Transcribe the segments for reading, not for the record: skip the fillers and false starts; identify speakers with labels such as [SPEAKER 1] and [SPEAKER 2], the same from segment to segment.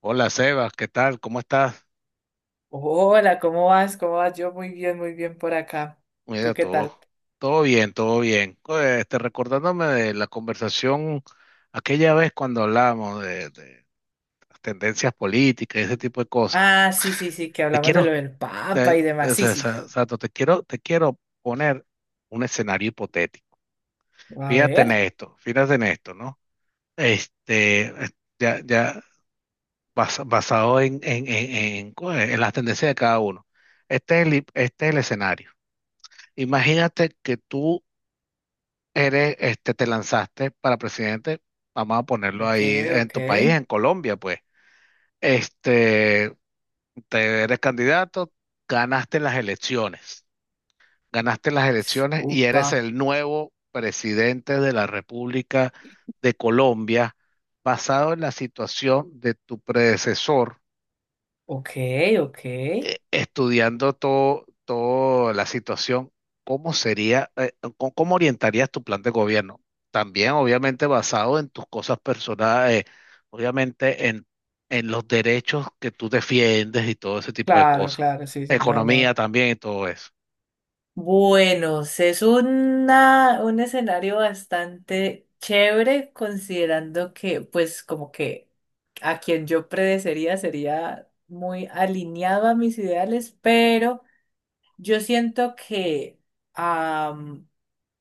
[SPEAKER 1] Hola, Seba, ¿qué tal? ¿Cómo estás?
[SPEAKER 2] Hola, ¿cómo vas? ¿Cómo vas? Yo muy bien por acá. ¿Tú
[SPEAKER 1] Mira,
[SPEAKER 2] qué
[SPEAKER 1] todo,
[SPEAKER 2] tal?
[SPEAKER 1] todo bien, todo bien. Oye, recordándome de la conversación aquella vez cuando hablábamos de las tendencias políticas y ese tipo de cosas.
[SPEAKER 2] Ah, sí, sí, sí, que
[SPEAKER 1] Te
[SPEAKER 2] hablamos de lo
[SPEAKER 1] quiero,
[SPEAKER 2] del Papa y demás. Sí, sí.
[SPEAKER 1] Sato, te quiero poner un escenario hipotético.
[SPEAKER 2] A ver.
[SPEAKER 1] Fíjate en esto, ¿no? Este, eh, ya basado en las tendencias de cada uno. Este es este es el escenario. Imagínate que tú eres, te lanzaste para presidente, vamos a ponerlo
[SPEAKER 2] Ok,
[SPEAKER 1] ahí en
[SPEAKER 2] ok.
[SPEAKER 1] tu país, en Colombia, pues. Este, te eres candidato, ganaste las elecciones, ganaste las elecciones y eres
[SPEAKER 2] Upa.
[SPEAKER 1] el nuevo presidente de la República de Colombia, basado en la situación de tu predecesor,
[SPEAKER 2] Ok, ok.
[SPEAKER 1] estudiando todo, toda la situación. ¿Cómo sería, cómo orientarías tu plan de gobierno? También, obviamente, basado en tus cosas personales, obviamente en los derechos que tú defiendes y todo ese tipo de
[SPEAKER 2] Claro,
[SPEAKER 1] cosas.
[SPEAKER 2] claro, sí, sí. No,
[SPEAKER 1] Economía
[SPEAKER 2] no.
[SPEAKER 1] también y todo eso.
[SPEAKER 2] Bueno, es un escenario bastante chévere, considerando que, pues, como que a quien yo predecería sería muy alineado a mis ideales, pero. Yo siento que am,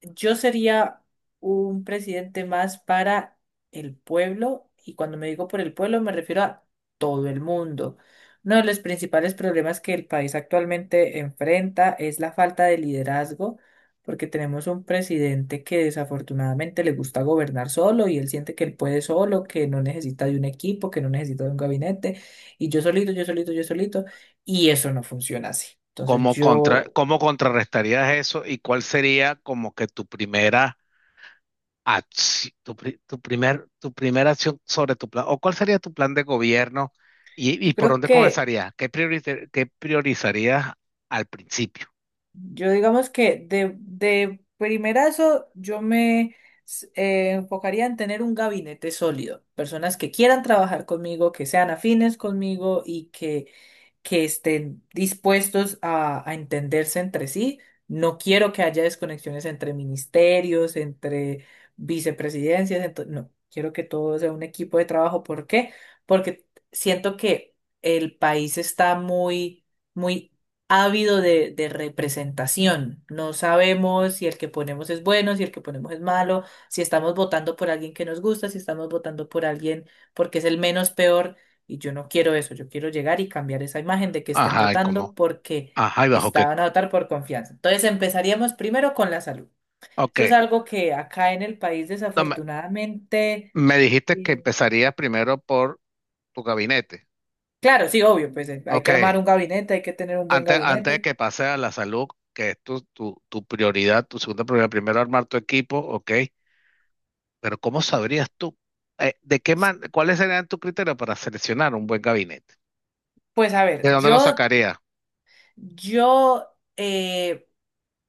[SPEAKER 2] yo sería un presidente más para el pueblo, y cuando me digo por el pueblo me refiero a todo el mundo. Uno de los principales problemas que el país actualmente enfrenta es la falta de liderazgo, porque tenemos un presidente que desafortunadamente le gusta gobernar solo y él siente que él puede solo, que no necesita de un equipo, que no necesita de un gabinete, y yo solito, yo solito, yo solito, y eso no funciona así. Entonces yo
[SPEAKER 1] Cómo contrarrestarías eso y cuál sería como que tu primera... Ah, sí, tu primera acción sobre tu plan? ¿O cuál sería tu plan de gobierno y
[SPEAKER 2] Yo
[SPEAKER 1] por
[SPEAKER 2] creo
[SPEAKER 1] dónde
[SPEAKER 2] que,
[SPEAKER 1] comenzaría? Qué priorizarías al principio?
[SPEAKER 2] yo digamos que de primerazo yo me enfocaría en tener un gabinete sólido, personas que quieran trabajar conmigo, que sean afines conmigo y que estén dispuestos a entenderse entre sí. No quiero que haya desconexiones entre ministerios, entre vicepresidencias. No, quiero que todo sea un equipo de trabajo. ¿Por qué? Porque siento que el país está muy, muy ávido de representación. No sabemos si el que ponemos es bueno, si el que ponemos es malo, si estamos votando por alguien que nos gusta, si estamos votando por alguien porque es el menos peor. Y yo no quiero eso, yo quiero llegar y cambiar esa imagen de que estén
[SPEAKER 1] Ajá, ¿y cómo?
[SPEAKER 2] votando porque
[SPEAKER 1] Ajá, ¿y bajo qué?
[SPEAKER 2] estaban a votar por confianza. Entonces empezaríamos primero con la salud.
[SPEAKER 1] Ok,
[SPEAKER 2] Eso es algo que acá en el país
[SPEAKER 1] no,
[SPEAKER 2] desafortunadamente,
[SPEAKER 1] me dijiste que
[SPEAKER 2] eh,
[SPEAKER 1] empezaría primero por tu gabinete.
[SPEAKER 2] claro, sí, obvio, pues hay
[SPEAKER 1] Ok,
[SPEAKER 2] que armar un gabinete, hay que tener un buen
[SPEAKER 1] antes, antes de
[SPEAKER 2] gabinete.
[SPEAKER 1] que pase a la salud, que es tu prioridad, tu segunda prioridad, primero armar tu equipo. Ok, pero ¿cómo sabrías tú, cuáles serían tus criterios para seleccionar un buen gabinete?
[SPEAKER 2] Pues a ver,
[SPEAKER 1] ¿De dónde lo
[SPEAKER 2] yo,
[SPEAKER 1] sacaría?
[SPEAKER 2] yo eh,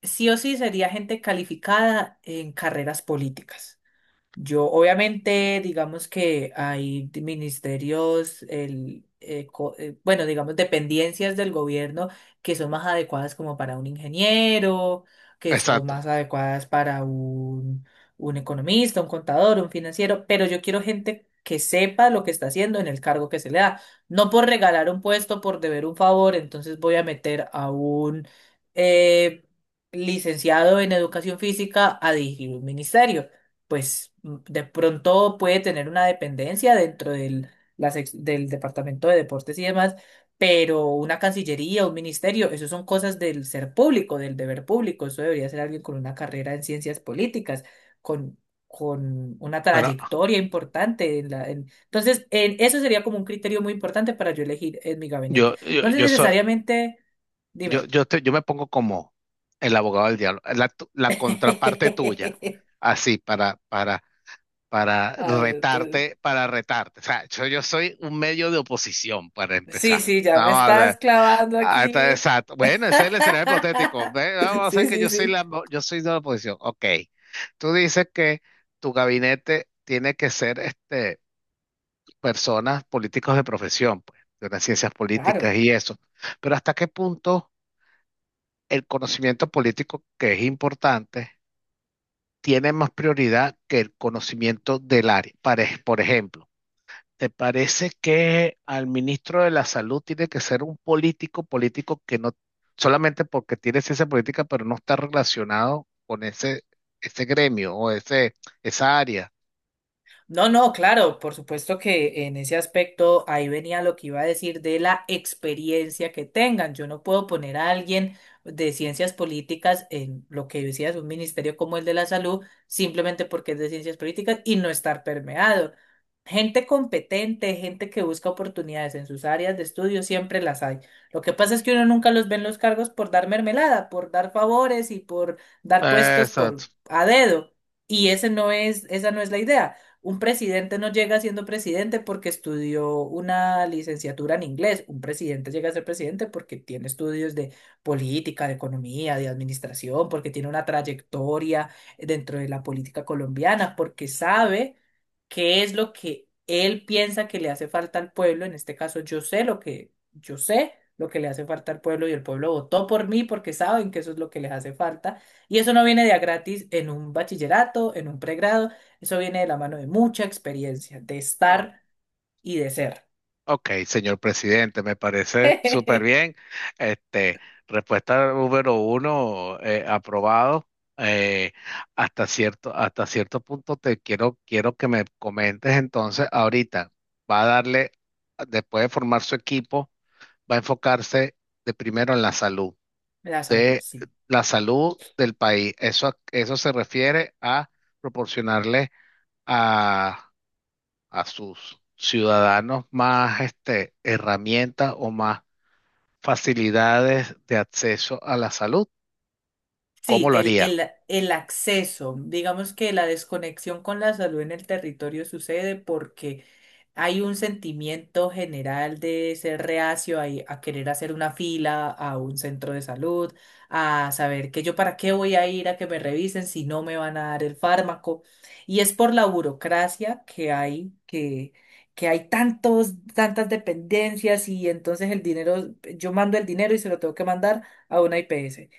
[SPEAKER 2] sí o sí sería gente calificada en carreras políticas. Yo, obviamente, digamos que hay ministerios, bueno, digamos, dependencias del gobierno que son más adecuadas como para un ingeniero, que son
[SPEAKER 1] Exacto.
[SPEAKER 2] más adecuadas para un economista, un contador, un financiero, pero yo quiero gente que sepa lo que está haciendo en el cargo que se le da. No por regalar un puesto, por deber un favor, entonces voy a meter a un eh, licenciado en educación física a dirigir un ministerio, pues de pronto puede tener una dependencia dentro del Departamento de Deportes y demás, pero una Cancillería, un ministerio, eso son cosas del ser público, del deber público, eso debería ser alguien con una carrera en ciencias políticas, con, con una
[SPEAKER 1] Pero
[SPEAKER 2] trayectoria importante. Entonces, eso sería como un criterio muy importante para yo elegir en mi gabinete. No sé
[SPEAKER 1] yo soy,
[SPEAKER 2] necesariamente, dime.
[SPEAKER 1] yo me pongo como el abogado del diablo, la contraparte tuya, así para
[SPEAKER 2] Ah,
[SPEAKER 1] retarte, para retarte. O sea, yo soy un medio de oposición para
[SPEAKER 2] sí,
[SPEAKER 1] empezar.
[SPEAKER 2] sí, ya me
[SPEAKER 1] Vamos a
[SPEAKER 2] estás
[SPEAKER 1] ver.
[SPEAKER 2] clavando
[SPEAKER 1] Ah,
[SPEAKER 2] aquí.
[SPEAKER 1] exacto. Bueno, ese es el escenario hipotético. Ve, vamos a hacer
[SPEAKER 2] Sí,
[SPEAKER 1] que
[SPEAKER 2] sí,
[SPEAKER 1] yo soy
[SPEAKER 2] sí.
[SPEAKER 1] la, yo soy de la oposición. Ok. Tú dices que tu gabinete tiene que ser este: personas, políticos de profesión, pues, de las ciencias
[SPEAKER 2] Claro.
[SPEAKER 1] políticas y eso. Pero ¿hasta qué punto el conocimiento político, que es importante, tiene más prioridad que el conocimiento del área? Por ejemplo, ¿te parece que al ministro de la Salud tiene que ser un político que no, solamente porque tiene ciencia política, pero no está relacionado con ese, ese gremio o ese, esa área?
[SPEAKER 2] No, no, claro, por supuesto que en ese aspecto ahí venía lo que iba a decir de la experiencia que tengan. Yo no puedo poner a alguien de ciencias políticas en lo que decías, un ministerio como el de la salud, simplemente porque es de ciencias políticas y no estar permeado. Gente competente, gente que busca oportunidades en sus áreas de estudio, siempre las hay. Lo que pasa es que uno nunca los ve en los cargos por dar mermelada, por dar favores y por dar puestos
[SPEAKER 1] Exacto.
[SPEAKER 2] por a dedo. Y ese no es, esa no es la idea. Un presidente no llega siendo presidente porque estudió una licenciatura en inglés. Un presidente llega a ser presidente porque tiene estudios de política, de economía, de administración, porque tiene una trayectoria dentro de la política colombiana, porque sabe qué es lo que él piensa que le hace falta al pueblo. En este caso, yo sé lo que le hace falta al pueblo y el pueblo votó por mí porque saben que eso es lo que les hace falta. Y eso no viene de a gratis en un bachillerato, en un pregrado. Eso viene de la mano de mucha experiencia, de estar y de ser.
[SPEAKER 1] Ok, señor presidente, me parece súper bien. Este, respuesta número uno, aprobado. Eh, hasta cierto punto quiero que me comentes entonces ahorita. Va a darle, después de formar su equipo, va a enfocarse de primero en la salud,
[SPEAKER 2] La salud,
[SPEAKER 1] de
[SPEAKER 2] sí.
[SPEAKER 1] la salud del país. Eso se refiere a proporcionarle a a sus ciudadanos más herramientas o más facilidades de acceso a la salud. ¿Cómo
[SPEAKER 2] Sí,
[SPEAKER 1] lo
[SPEAKER 2] el,
[SPEAKER 1] haría?
[SPEAKER 2] el, el acceso, digamos que la desconexión con la salud en el territorio sucede porque hay un sentimiento general de ser reacio a querer hacer una fila a un centro de salud, a saber que yo para qué voy a ir a que me revisen si no me van a dar el fármaco. Y es por la burocracia que hay, que hay tantos, tantas dependencias y entonces el dinero, yo mando el dinero y se lo tengo que mandar a una IPS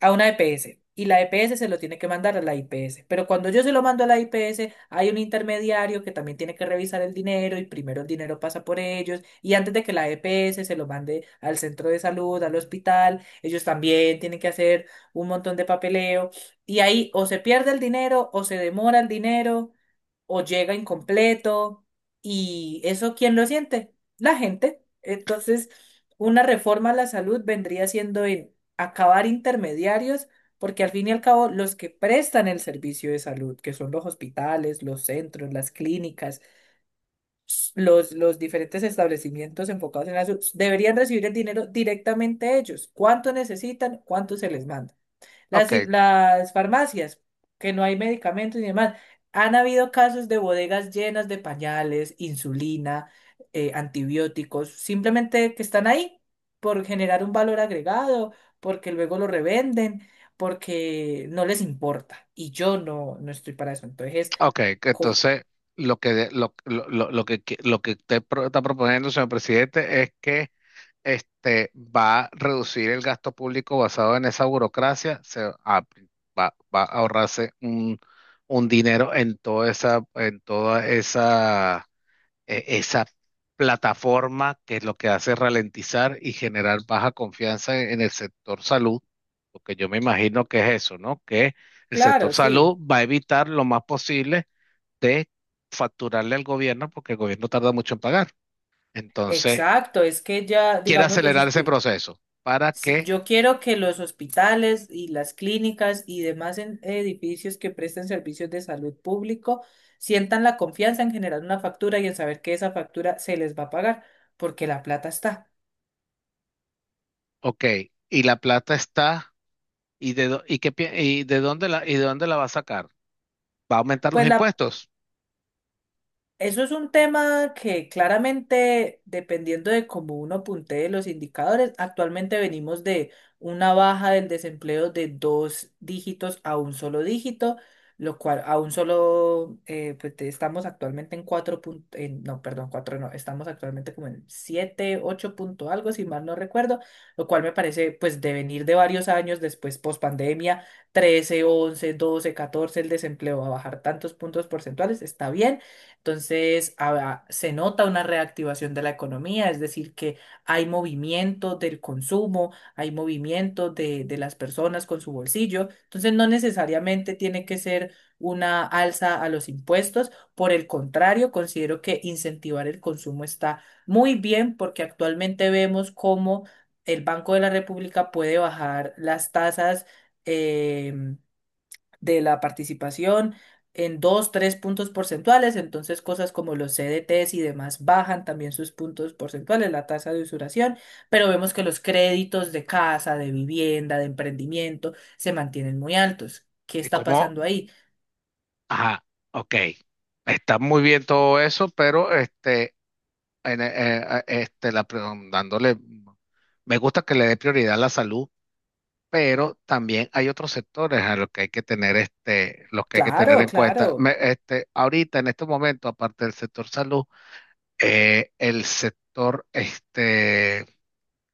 [SPEAKER 2] a una EPS y la EPS se lo tiene que mandar a la IPS. Pero cuando yo se lo mando a la IPS, hay un intermediario que también tiene que revisar el dinero y primero el dinero pasa por ellos y antes de que la EPS se lo mande al centro de salud, al hospital, ellos también tienen que hacer un montón de papeleo y ahí o se pierde el dinero o se demora el dinero o llega incompleto, y eso, ¿quién lo siente? La gente. Entonces, una reforma a la salud vendría siendo en acabar intermediarios, porque al fin y al cabo los que prestan el servicio de salud, que son los hospitales, los centros, las clínicas, los diferentes establecimientos enfocados en la salud, deberían recibir el dinero directamente ellos. ¿Cuánto necesitan? ¿Cuánto se les manda?
[SPEAKER 1] Ok,
[SPEAKER 2] Las farmacias, que no hay medicamentos y demás. Han habido casos de bodegas llenas de pañales, insulina, antibióticos, simplemente que están ahí por generar un valor agregado, porque luego lo revenden, porque no les importa. Y yo no, no estoy para eso. Entonces,
[SPEAKER 1] ok, que
[SPEAKER 2] co-
[SPEAKER 1] entonces lo lo que, lo que usted está proponiendo, señor presidente, es que va a reducir el gasto público basado en esa burocracia. Se va, va a ahorrarse un dinero en toda esa esa plataforma, que es lo que hace ralentizar y generar baja confianza en el sector salud, porque yo me imagino que es eso, ¿no? Que el sector
[SPEAKER 2] claro,
[SPEAKER 1] salud
[SPEAKER 2] sí.
[SPEAKER 1] va a evitar lo más posible de facturarle al gobierno, porque el gobierno tarda mucho en pagar. Entonces,
[SPEAKER 2] Exacto, es que ya,
[SPEAKER 1] quiere
[SPEAKER 2] digamos, los
[SPEAKER 1] acelerar ese proceso para
[SPEAKER 2] Sí,
[SPEAKER 1] que...
[SPEAKER 2] yo quiero que los hospitales y las clínicas y demás edificios que presten servicios de salud público sientan la confianza en generar una factura y en saber que esa factura se les va a pagar, porque la plata está.
[SPEAKER 1] Ok, y la plata está. ¿Y de, dó- y qué pi- y de dónde la, y de dónde la va a sacar? ¿Va a aumentar los
[SPEAKER 2] Pues la
[SPEAKER 1] impuestos?
[SPEAKER 2] Eso es un tema que claramente, dependiendo de cómo uno puntee los indicadores, actualmente venimos de una baja del desempleo de dos dígitos a un solo dígito, lo cual a un solo, pues estamos actualmente en cuatro punto, no, perdón, cuatro no, estamos actualmente como en siete, ocho punto algo, si mal no recuerdo, lo cual me parece, pues, de venir de varios años después, post pandemia, 13, 11, 12, 14, el desempleo a bajar tantos puntos porcentuales, está bien entonces, ah, se nota una reactivación de la economía, es decir, que hay movimiento del consumo, hay movimiento de las personas con su bolsillo. Entonces, no necesariamente tiene que ser una alza a los impuestos. Por el contrario, considero que incentivar el consumo está muy bien porque actualmente vemos cómo el Banco de la República puede bajar las tasas. em, de la participación en dos, tres puntos porcentuales, entonces cosas como los CDTs y demás bajan también sus puntos porcentuales, la tasa de usuración, pero vemos que los créditos de casa, de vivienda, de emprendimiento se mantienen muy altos. ¿Qué
[SPEAKER 1] ¿Y
[SPEAKER 2] está
[SPEAKER 1] cómo?
[SPEAKER 2] pasando ahí?
[SPEAKER 1] Ajá, ok. Está muy bien todo eso, pero en- eh, eh, este, la, pre- dándole, me gusta que le dé prioridad a la salud, pero también hay otros sectores a los que hay que tener, los que hay que tener
[SPEAKER 2] Claro,
[SPEAKER 1] en cuenta.
[SPEAKER 2] claro.
[SPEAKER 1] Ahorita, en este momento, aparte del sector salud, el sector,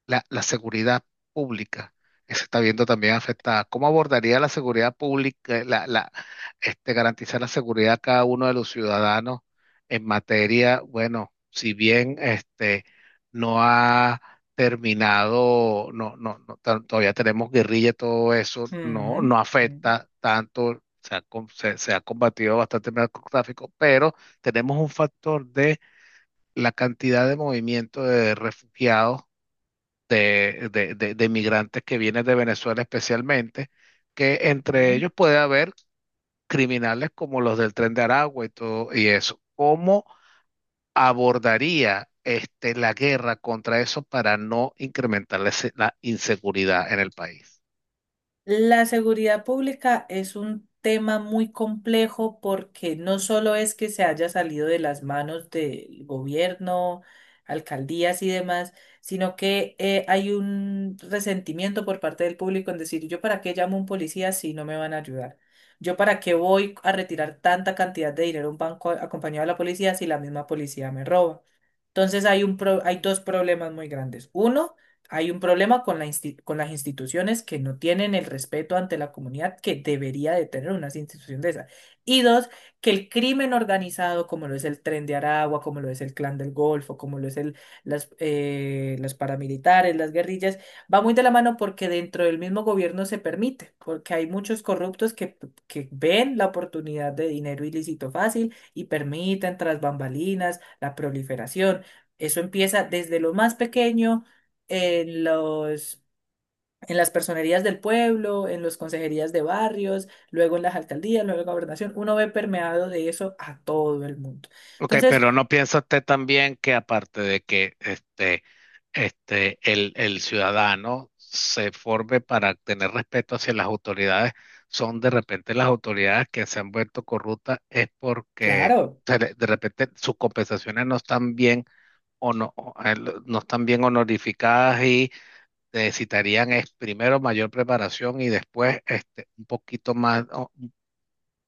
[SPEAKER 1] la seguridad pública, que se está viendo también afectada. ¿Cómo abordaría la seguridad pública, garantizar la seguridad a cada uno de los ciudadanos en materia, bueno, si bien no ha terminado, no, no, no, todavía tenemos guerrilla y todo eso, no,
[SPEAKER 2] Mm,
[SPEAKER 1] no
[SPEAKER 2] mm,
[SPEAKER 1] afecta tanto. Se ha, se ha combatido bastante el narcotráfico, pero tenemos un factor de la cantidad de movimiento de refugiados de migrantes que vienen de Venezuela especialmente, que entre
[SPEAKER 2] mm.
[SPEAKER 1] ellos puede haber criminales como los del Tren de Aragua y todo y eso? ¿Cómo abordaría la guerra contra eso para no incrementar la inseguridad en el país?
[SPEAKER 2] La seguridad pública es un tema muy complejo porque no solo es que se haya salido de las manos del gobierno, alcaldías y demás, sino que hay un resentimiento por parte del público en decir, ¿yo para qué llamo a un policía si no me van a ayudar? ¿Yo para qué voy a retirar tanta cantidad de dinero a un banco acompañado de la policía si la misma policía me roba? Entonces, hay dos problemas muy grandes. Uno, hay un problema con con las instituciones que no tienen el respeto ante la comunidad que debería de tener una institución de esa. Y dos, que el crimen organizado, como lo es el Tren de Aragua, como lo es el Clan del Golfo, como lo es el, las paramilitares, las guerrillas, va muy de la mano porque dentro del mismo gobierno se permite, porque hay muchos corruptos que ven la oportunidad de dinero ilícito fácil y permiten tras bambalinas la proliferación. Eso empieza desde lo más pequeño, en los, en las personerías del pueblo, en las consejerías de barrios, luego en las alcaldías, luego en la gobernación. Uno ve permeado de eso a todo el mundo.
[SPEAKER 1] Ok,
[SPEAKER 2] Entonces,
[SPEAKER 1] pero ¿no piensa usted también que aparte de que el ciudadano se forme para tener respeto hacia las autoridades, son de repente las autoridades que se han vuelto corruptas es porque
[SPEAKER 2] claro,
[SPEAKER 1] de repente sus compensaciones no están bien o no, no están bien honorificadas y necesitarían es primero mayor preparación y después un poquito más, o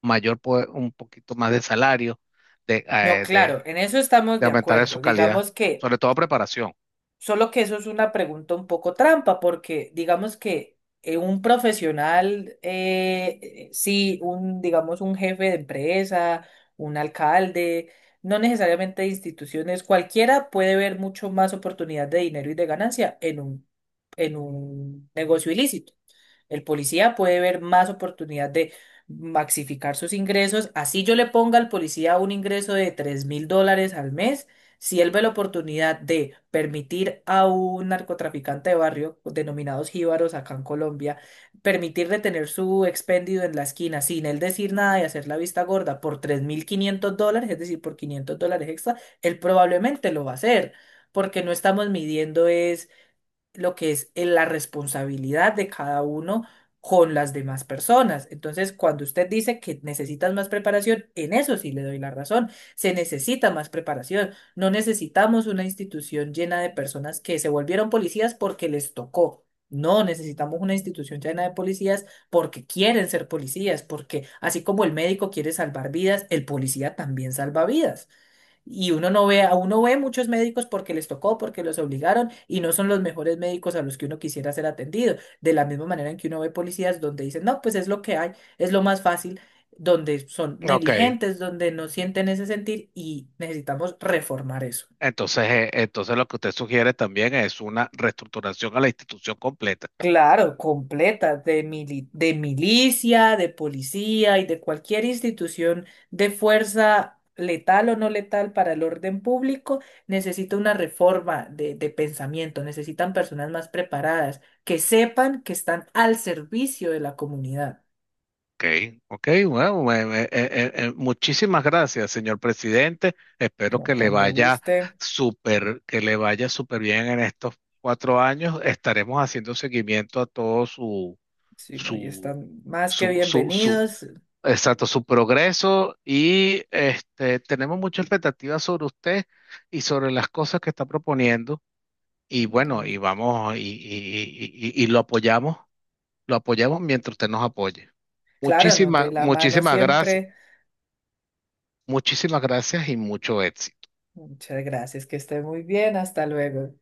[SPEAKER 1] un poquito más de salario de,
[SPEAKER 2] no, claro, en eso estamos
[SPEAKER 1] de
[SPEAKER 2] de
[SPEAKER 1] aumentarle su
[SPEAKER 2] acuerdo.
[SPEAKER 1] calidad,
[SPEAKER 2] Digamos que
[SPEAKER 1] sobre todo preparación?
[SPEAKER 2] Solo que eso es una pregunta un poco trampa, porque digamos que un profesional, sí, un, digamos, un jefe de empresa, un alcalde, no necesariamente de instituciones, cualquiera puede ver mucho más oportunidad de dinero y de ganancia en un negocio ilícito. El policía puede ver más oportunidad de maxificar sus ingresos. Así yo le ponga al policía un ingreso de $3.000 al mes. Si él ve la oportunidad de permitir a un narcotraficante de barrio, denominados jíbaros acá en Colombia, permitirle tener su expendido en la esquina sin él decir nada y hacer la vista gorda por $3.500, es decir, por $500 extra, él probablemente lo va a hacer, porque no estamos midiendo es lo que es la responsabilidad de cada uno con las demás personas. Entonces, cuando usted dice que necesitas más preparación, en eso sí le doy la razón. Se necesita más preparación. No necesitamos una institución llena de personas que se volvieron policías porque les tocó. No, necesitamos una institución llena de policías porque quieren ser policías, porque así como el médico quiere salvar vidas, el policía también salva vidas. Y uno no ve, a uno ve muchos médicos porque les tocó, porque los obligaron y no son los mejores médicos a los que uno quisiera ser atendido. De la misma manera en que uno ve policías donde dicen, no, pues es lo que hay, es lo más fácil, donde son
[SPEAKER 1] Ok,
[SPEAKER 2] negligentes, donde no sienten ese sentir y necesitamos reformar eso.
[SPEAKER 1] entonces, entonces lo que usted sugiere también es una reestructuración a la institución completa.
[SPEAKER 2] Claro, completa, de milicia, de policía y de cualquier institución de fuerza letal o no letal para el orden público, necesita una reforma de pensamiento, necesitan personas más preparadas, que sepan que están al servicio de la comunidad.
[SPEAKER 1] Ok, ok, bueno, muchísimas gracias, señor presidente. Espero
[SPEAKER 2] No,
[SPEAKER 1] que le
[SPEAKER 2] cuando
[SPEAKER 1] vaya
[SPEAKER 2] guste,
[SPEAKER 1] súper, que le vaya súper bien en estos cuatro años. Estaremos haciendo seguimiento a todo
[SPEAKER 2] si no, y
[SPEAKER 1] su,
[SPEAKER 2] están más que
[SPEAKER 1] su, su, su,
[SPEAKER 2] bienvenidos.
[SPEAKER 1] Exacto, su progreso y tenemos mucha expectativa sobre usted y sobre las cosas que está proponiendo y bueno,
[SPEAKER 2] Mm.
[SPEAKER 1] y vamos y lo apoyamos mientras usted nos apoye.
[SPEAKER 2] Claro, no, de
[SPEAKER 1] Muchísimas,
[SPEAKER 2] la mano siempre.
[SPEAKER 1] muchísimas gracias y mucho éxito.
[SPEAKER 2] Muchas gracias, que esté muy bien, hasta luego.